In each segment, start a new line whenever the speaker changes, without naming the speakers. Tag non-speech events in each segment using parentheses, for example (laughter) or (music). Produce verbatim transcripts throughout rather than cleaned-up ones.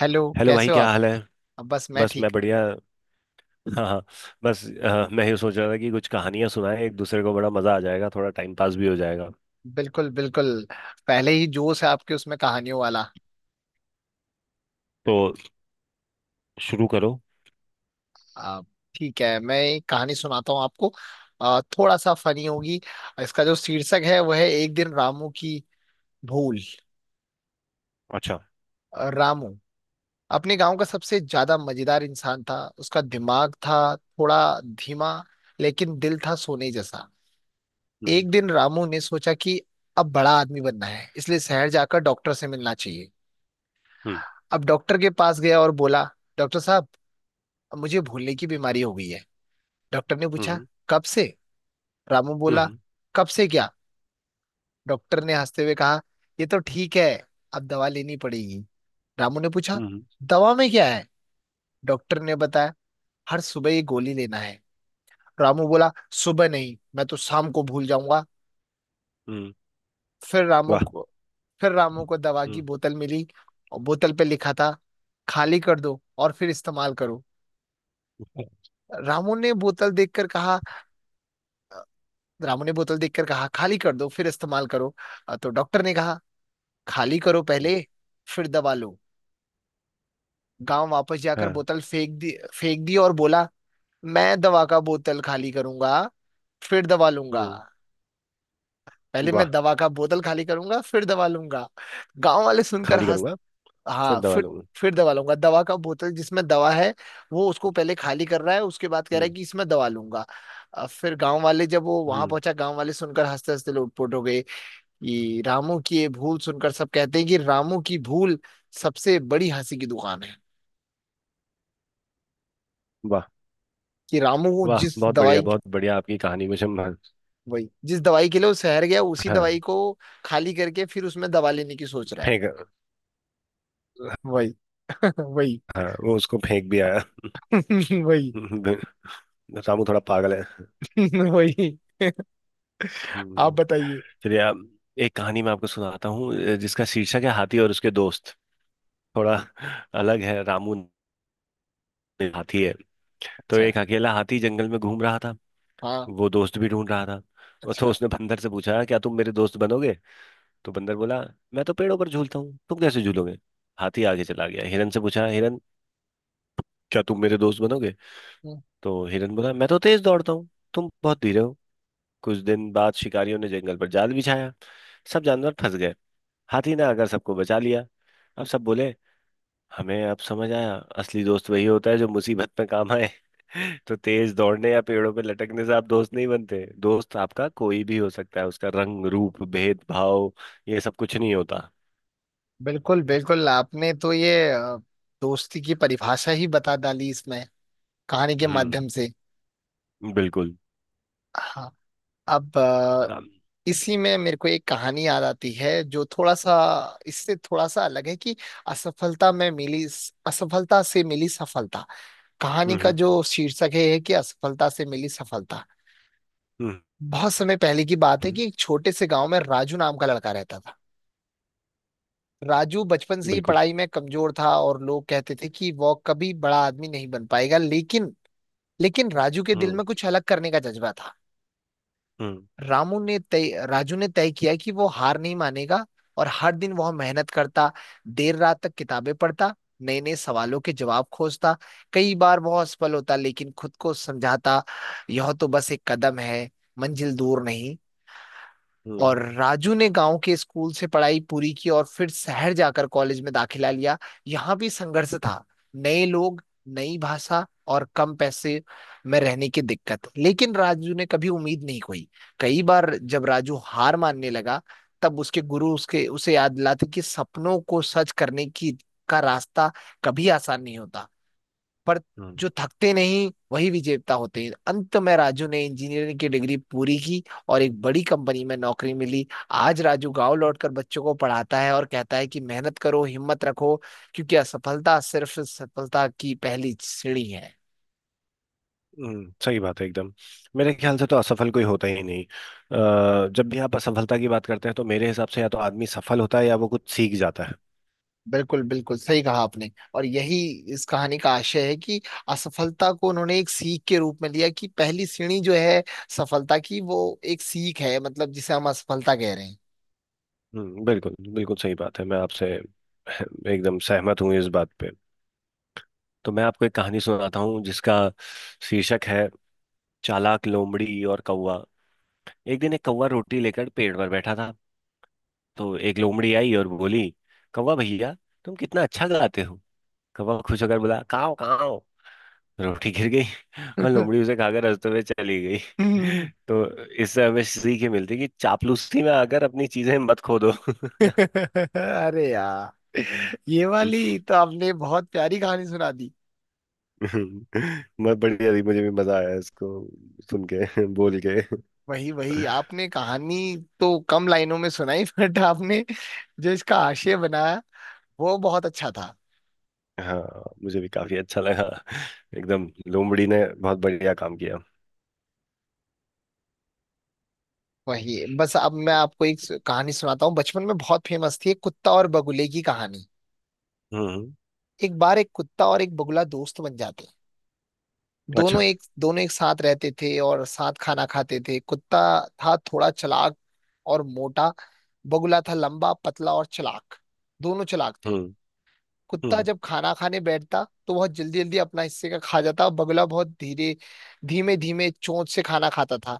Hello
hello भाई
कैसे हो
क्या
आप।
हाल है।
अब बस मैं
बस मैं
ठीक।
बढ़िया। हाँ हाँ। बस अ, मैं ये सोच रहा था कि कुछ कहानियां सुनाएं एक दूसरे को, बड़ा मजा आ जाएगा, थोड़ा टाइम पास भी हो जाएगा।
बिल्कुल बिल्कुल। पहले ही जोश है आपके उसमें कहानियों वाला।
तो शुरू करो।
आ, ठीक है मैं एक कहानी सुनाता हूँ आपको। आ, थोड़ा सा फनी होगी। इसका जो शीर्षक है वह है एक दिन रामू की भूल।
अच्छा।
आ, रामू अपने गांव का सबसे ज्यादा मजेदार इंसान था। उसका दिमाग था थोड़ा धीमा, लेकिन दिल था सोने जैसा।
हम्म।
एक दिन रामू ने सोचा कि अब बड़ा आदमी बनना है, इसलिए शहर जाकर डॉक्टर से मिलना चाहिए।
हम्म।
अब डॉक्टर के पास गया और बोला, डॉक्टर साहब, अब मुझे भूलने की बीमारी हो गई है। डॉक्टर ने पूछा,
हम्म।
कब से? रामू बोला,
हम्म।
कब से क्या? डॉक्टर ने हंसते हुए कहा, ये तो ठीक है, अब दवा लेनी पड़ेगी। रामू ने पूछा,
हम्म।
दवा में क्या है? डॉक्टर ने बताया, हर सुबह ये गोली लेना है। रामू बोला, सुबह नहीं, मैं तो शाम को भूल जाऊंगा।
हम्म।
फिर रामू
वाह।
को फिर रामू को दवा की
हम्म।
बोतल मिली, और बोतल पे लिखा था, खाली कर दो और फिर इस्तेमाल करो। रामू ने बोतल देखकर कहा रामू ने बोतल देखकर कहा, खाली कर दो फिर इस्तेमाल करो। अ, तो डॉक्टर ने कहा, खाली करो
हम्म,
पहले फिर दवा लो। गांव वापस जाकर
हाँ।
बोतल फेंक दी फेंक दी और बोला, मैं दवा का बोतल खाली करूंगा फिर दवा लूंगा।
हम्म।
पहले
वाह।
मैं दवा का बोतल खाली करूंगा फिर दवा लूंगा। गांव वाले सुनकर
खाली
हंस।
करूंगा। फिर
हाँ
दवा
फिर
लूंगा।
फिर दवा लूंगा। दवा का बोतल जिसमें दवा है, वो उसको पहले खाली कर रहा है, उसके बाद कह रहा है
हम्म।
कि इसमें दवा लूंगा। अ, फिर गांव वाले जब वो वहां
हम्म।
पहुंचा, गांव वाले सुनकर हंसते हंसते लोटपोट हो गए। ये रामू की ये भूल सुनकर सब कहते हैं कि रामू की भूल सबसे बड़ी हंसी की दुकान है।
वाह।
कि रामू वो
वाह,
जिस
बहुत बढ़िया
दवाई,
बहुत बढ़िया आपकी कहानी। मुझे म-
वही जिस दवाई के लिए वो शहर गया उसी
हाँ।
दवाई को खाली करके फिर उसमें दवा लेने की सोच रहा है।
फेंक।
वही (laughs) वही
हाँ, वो उसको फेंक भी आया (laughs)
(laughs) वही
रामू थोड़ा पागल
(laughs) वही। (laughs) आप
है।
बताइए।
चलिए आप। एक कहानी मैं आपको सुनाता हूँ, अ, जिसका शीर्षक है हाथी और उसके दोस्त। थोड़ा अलग है। रामू नाम का हाथी है। तो
अच्छा
एक
है।
अकेला हाथी जंगल में घूम रहा था।
हाँ।
वो दोस्त भी ढूंढ रहा था। और तो
अच्छा।
उसने बंदर से पूछा, क्या तुम मेरे दोस्त बनोगे। तो बंदर बोला, मैं तो पेड़ों पर झूलता हूँ, तुम कैसे झूलोगे। हाथी आगे चला गया, हिरन से पूछा, हिरन क्या तुम मेरे दोस्त बनोगे।
हम्म,
तो हिरन बोला, मैं तो तेज दौड़ता हूँ, तुम बहुत धीरे हो। कुछ दिन बाद शिकारियों ने जंगल पर जाल बिछाया। सब जानवर फंस गए। हाथी ने आकर सबको बचा लिया। अब सब बोले, हमें अब समझ आया असली दोस्त वही होता है जो मुसीबत में काम आए। (laughs) तो तेज दौड़ने या पेड़ों पे लटकने से आप दोस्त नहीं बनते। दोस्त आपका कोई भी हो सकता है, उसका रंग रूप भेदभाव ये सब कुछ नहीं होता।
बिल्कुल बिल्कुल। आपने तो ये अ, दोस्ती की परिभाषा ही बता डाली इसमें, कहानी के
हम्म।
माध्यम से।
बिल्कुल।
हाँ। अब
अम,
इसी में मेरे को एक कहानी याद आती है जो थोड़ा सा, इससे थोड़ा सा अलग है कि असफलता में मिली असफलता से मिली सफलता। कहानी
हम्म।
का
हम्म।
जो शीर्षक है, है कि असफलता से मिली सफलता।
हम्म,
बहुत समय पहले की बात है
हम्म,
कि एक छोटे से गांव में राजू नाम का लड़का रहता था। राजू बचपन से ही
बिल्कुल।
पढ़ाई में कमजोर था, और लोग कहते थे कि वो कभी बड़ा आदमी नहीं बन पाएगा, लेकिन लेकिन राजू के दिल
हम्म।
में कुछ अलग करने का जज्बा था।
हम्म।
रामू ने तय राजू ने तय किया कि वो हार नहीं मानेगा, और हर दिन वह मेहनत करता, देर रात तक किताबें पढ़ता, नए नए सवालों के जवाब खोजता। कई बार वह असफल होता, लेकिन खुद को समझाता, यह तो बस एक कदम है, मंजिल दूर नहीं। और
हम्म।
राजू ने गांव के स्कूल से पढ़ाई पूरी की और फिर शहर जाकर कॉलेज में दाखिला लिया। यहाँ भी संघर्ष था, नए लोग, नई भाषा और कम पैसे में रहने की दिक्कत, लेकिन राजू ने कभी उम्मीद नहीं खोई। कई बार जब राजू हार मानने लगा, तब उसके गुरु उसके उसे याद दिलाते कि सपनों को सच करने की का रास्ता कभी आसान नहीं होता, पर
हम्म।
जो थकते नहीं वही विजेता होते हैं। अंत में राजू ने इंजीनियरिंग की डिग्री पूरी की और एक बड़ी कंपनी में नौकरी मिली। आज राजू गांव लौटकर बच्चों को पढ़ाता है और कहता है कि मेहनत करो, हिम्मत रखो, क्योंकि असफलता सिर्फ सफलता की पहली सीढ़ी है।
हम्म, सही बात है एकदम। मेरे ख्याल से तो असफल कोई होता ही नहीं। अ, जब भी आप असफलता की बात करते हैं तो मेरे हिसाब से या तो आदमी सफल होता है या वो कुछ सीख जाता है।
बिल्कुल बिल्कुल सही कहा आपने। और यही इस कहानी का आशय है कि असफलता को उन्होंने एक सीख के रूप में लिया कि पहली सीढ़ी जो है सफलता की, वो एक सीख है, मतलब जिसे हम असफलता कह रहे
हम्म, बिल्कुल बिल्कुल सही बात है। मैं आपसे (laughs) एकदम सहमत हूँ इस बात पे। तो मैं आपको एक कहानी सुनाता हूँ जिसका शीर्षक है चालाक लोमड़ी और कौवा। एक दिन एक कौवा रोटी लेकर पेड़ पर बैठा था। तो एक लोमड़ी आई और बोली, कौवा भैया तुम कितना अच्छा गाते हो। कौवा खुश होकर बोला, काव काव। रोटी गिर गई। (laughs) और लोमड़ी उसे खाकर हंसते हुए चली गई।
हैं।
(laughs)
(laughs)
तो इससे हमें सीख ये मिलती है कि चापलूसी में आकर अपनी चीजें मत खो दो।
(laughs) अरे यार, ये
(laughs)
वाली तो आपने बहुत प्यारी कहानी सुना दी।
हम्म, बहुत बढ़िया थी, मुझे भी मजा आया इसको सुन के (laughs) बोल के।
वही वही आपने कहानी तो कम लाइनों में सुनाई, (laughs) बट आपने जो इसका आशय बनाया वो बहुत अच्छा था।
हाँ, मुझे भी काफी अच्छा लगा एकदम। लोमड़ी ने बहुत बढ़िया काम किया।
वही, बस अब मैं आपको एक कहानी सुनाता हूँ। बचपन में बहुत फेमस थी, एक कुत्ता और बगुले की कहानी।
हम्म।
एक बार एक कुत्ता और एक बगुला दोस्त बन जाते हैं। दोनों
अच्छा।
एक दोनों एक साथ रहते थे और साथ खाना खाते थे। कुत्ता था थोड़ा चालाक और मोटा, बगुला था लंबा पतला और चालाक। दोनों चालाक थे।
हम्म।
कुत्ता
हम्म।
जब खाना खाने बैठता तो बहुत जल्दी जल्दी अपना हिस्से का खा जाता, और बगुला बहुत धीरे धीमे धीमे चोंच से खाना खाता था।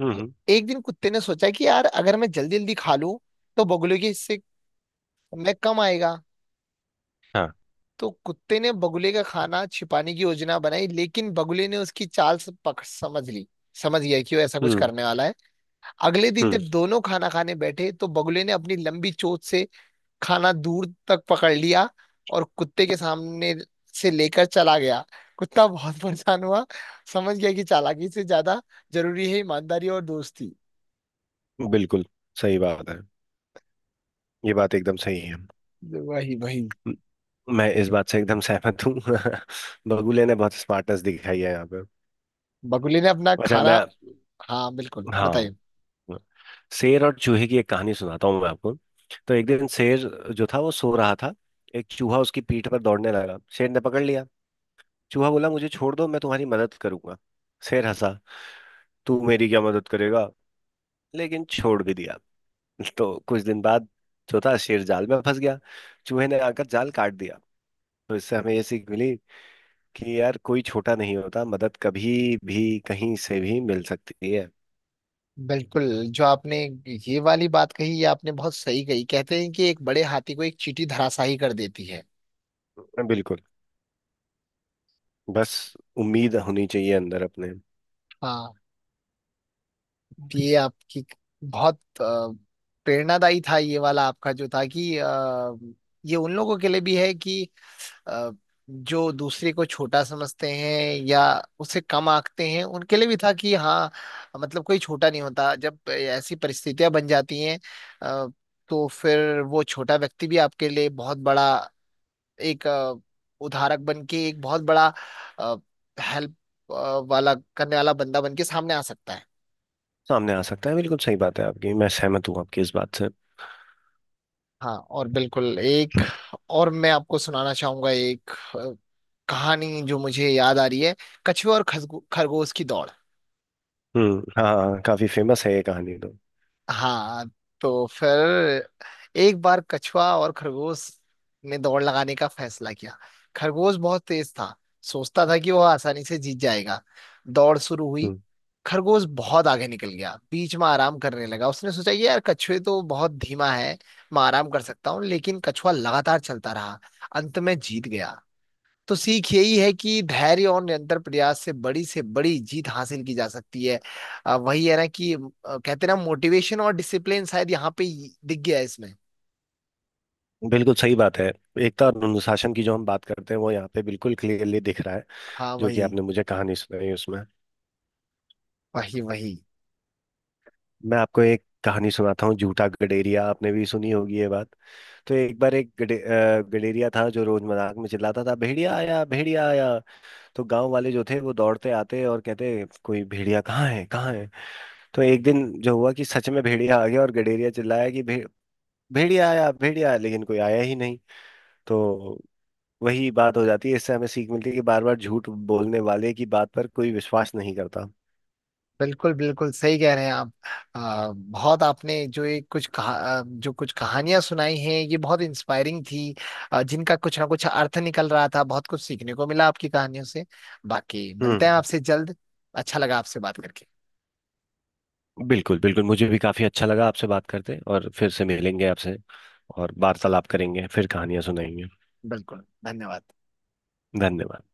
हम्म। हम्म,
एक दिन कुत्ते ने सोचा कि यार अगर मैं जल्दी जल्दी खा लूं तो बगुले के हिस्से में कम आएगा।
हाँ।
तो कुत्ते ने बगुले का खाना छिपाने की योजना बनाई, लेकिन बगुले ने उसकी चाल से पकड़ समझ ली। समझ गया कि वो ऐसा कुछ
हम्म।
करने वाला है। अगले दिन
हम्म।
जब दोनों खाना खाने बैठे तो बगुले ने अपनी लंबी चोंच से खाना दूर तक पकड़ लिया और कुत्ते के सामने से लेकर चला गया। कुत्ता बहुत (laughs) परेशान हुआ। समझ गया कि चालाकी से ज्यादा जरूरी है ईमानदारी और दोस्ती।
बिल्कुल सही बात है। ये बात एकदम सही है।
वही वही।
म- मैं इस बात से एकदम सहमत हूँ। (laughs) बगुले ने बहुत स्मार्टनेस दिखाई है यहाँ पे।
बगुले ने अपना
अच्छा मैं।
खाना। हाँ बिल्कुल
हाँ।
बताइए।
शेर और चूहे की एक कहानी सुनाता हूँ मैं आपको। तो एक दिन शेर जो था वो सो रहा था। एक चूहा उसकी पीठ पर दौड़ने लगा, शेर ने पकड़ लिया। चूहा बोला, मुझे छोड़ दो, मैं तुम्हारी मदद करूंगा। शेर हंसा, तू मेरी क्या मदद करेगा। लेकिन छोड़ भी दिया। (laughs) तो कुछ दिन बाद जो था, शेर जाल में फंस गया। चूहे ने आकर जाल काट दिया। तो इससे हमें ये सीख मिली कि यार कोई छोटा नहीं होता, मदद कभी भी कहीं से भी मिल सकती है।
बिल्कुल। जो आपने ये वाली बात कही, ये आपने बहुत सही कही। कहते हैं कि एक बड़े हाथी को एक चींटी धराशायी कर देती है।
बिल्कुल। बस उम्मीद होनी चाहिए अंदर अपने।
हाँ। ये आपकी बहुत अ, प्रेरणादायी था ये वाला आपका जो था कि, अ, ये उन लोगों के लिए भी है कि अ, जो दूसरे को छोटा समझते हैं या उसे कम आंकते हैं, उनके लिए भी था कि हाँ, मतलब कोई छोटा नहीं होता। जब ऐसी परिस्थितियां बन जाती हैं अ, तो फिर वो छोटा व्यक्ति भी आपके लिए बहुत बड़ा एक अ, उधारक बन के एक बहुत बड़ा हेल्प वाला करने वाला बंदा बन के सामने आ सकता है।
सामने आ सकता है, बिल्कुल सही बात है आपकी। मैं सहमत हूँ आपकी इस बात से।
हाँ और बिल्कुल, एक और मैं आपको सुनाना चाहूंगा एक अ, कहानी जो मुझे याद आ रही है, कछुआ और खसगो- खरगोश की दौड़।
हम्म। हाँ हाँ, काफी फेमस है ये कहानी तो।
हाँ। तो फिर एक बार कछुआ और खरगोश ने दौड़ लगाने का फैसला किया। खरगोश बहुत तेज था, सोचता था कि वह आसानी से जीत जाएगा। दौड़ शुरू हुई।
हम्म।
खरगोश बहुत आगे निकल गया, बीच में आराम करने लगा। उसने सोचा, ये यार कछुए तो बहुत धीमा है, मैं आराम कर सकता हूँ। लेकिन कछुआ लगातार चलता रहा, अंत में जीत गया। तो सीख यही है कि धैर्य और निरंतर प्रयास से बड़ी से बड़ी जीत हासिल की जा सकती है। अ, वही है ना कि अ, कहते हैं ना, मोटिवेशन और डिसिप्लिन शायद यहाँ पे ही दिख गया है इसमें।
बिल्कुल सही बात है। एकता और अनुशासन की जो हम बात करते हैं वो यहाँ पे बिल्कुल क्लियरली दिख रहा है,
हाँ
जो कि
वही,
आपने मुझे कहानी सुनाई उसमें।
वही वही।
मैं आपको एक कहानी सुनाता हूँ, झूठा गडेरिया। आपने भी सुनी होगी ये बात। तो एक बार एक गडे, अ, गडेरिया था जो रोज मजाक में चिल्लाता था, भेड़िया आया भेड़िया आया। तो गांव वाले जो थे वो दौड़ते आते और कहते, कोई भेड़िया कहाँ है कहाँ है। तो एक दिन जो हुआ कि सच में भेड़िया आ गया और गडेरिया चिल्लाया कि भे, भेड़िया आया भेड़िया आया, लेकिन कोई आया ही नहीं। तो वही बात हो जाती है। इससे हमें सीख मिलती है कि बार बार झूठ बोलने वाले की बात पर कोई विश्वास नहीं करता।
बिल्कुल बिल्कुल सही कह रहे हैं आप। आ, बहुत आपने जो ये कुछ कहा, आ, जो कुछ कहानियां सुनाई हैं ये बहुत इंस्पायरिंग थी। आ, जिनका कुछ ना कुछ अर्थ निकल रहा था, बहुत कुछ सीखने को मिला आपकी कहानियों से। बाकी मिलते हैं
हम्म।
आपसे जल्द। अच्छा लगा आपसे बात करके।
बिल्कुल बिल्कुल, मुझे भी काफी अच्छा लगा आपसे बात करते। और फिर से मिलेंगे आपसे और वार्तालाप करेंगे, फिर कहानियां सुनाएंगे।
बिल्कुल धन्यवाद।
धन्यवाद।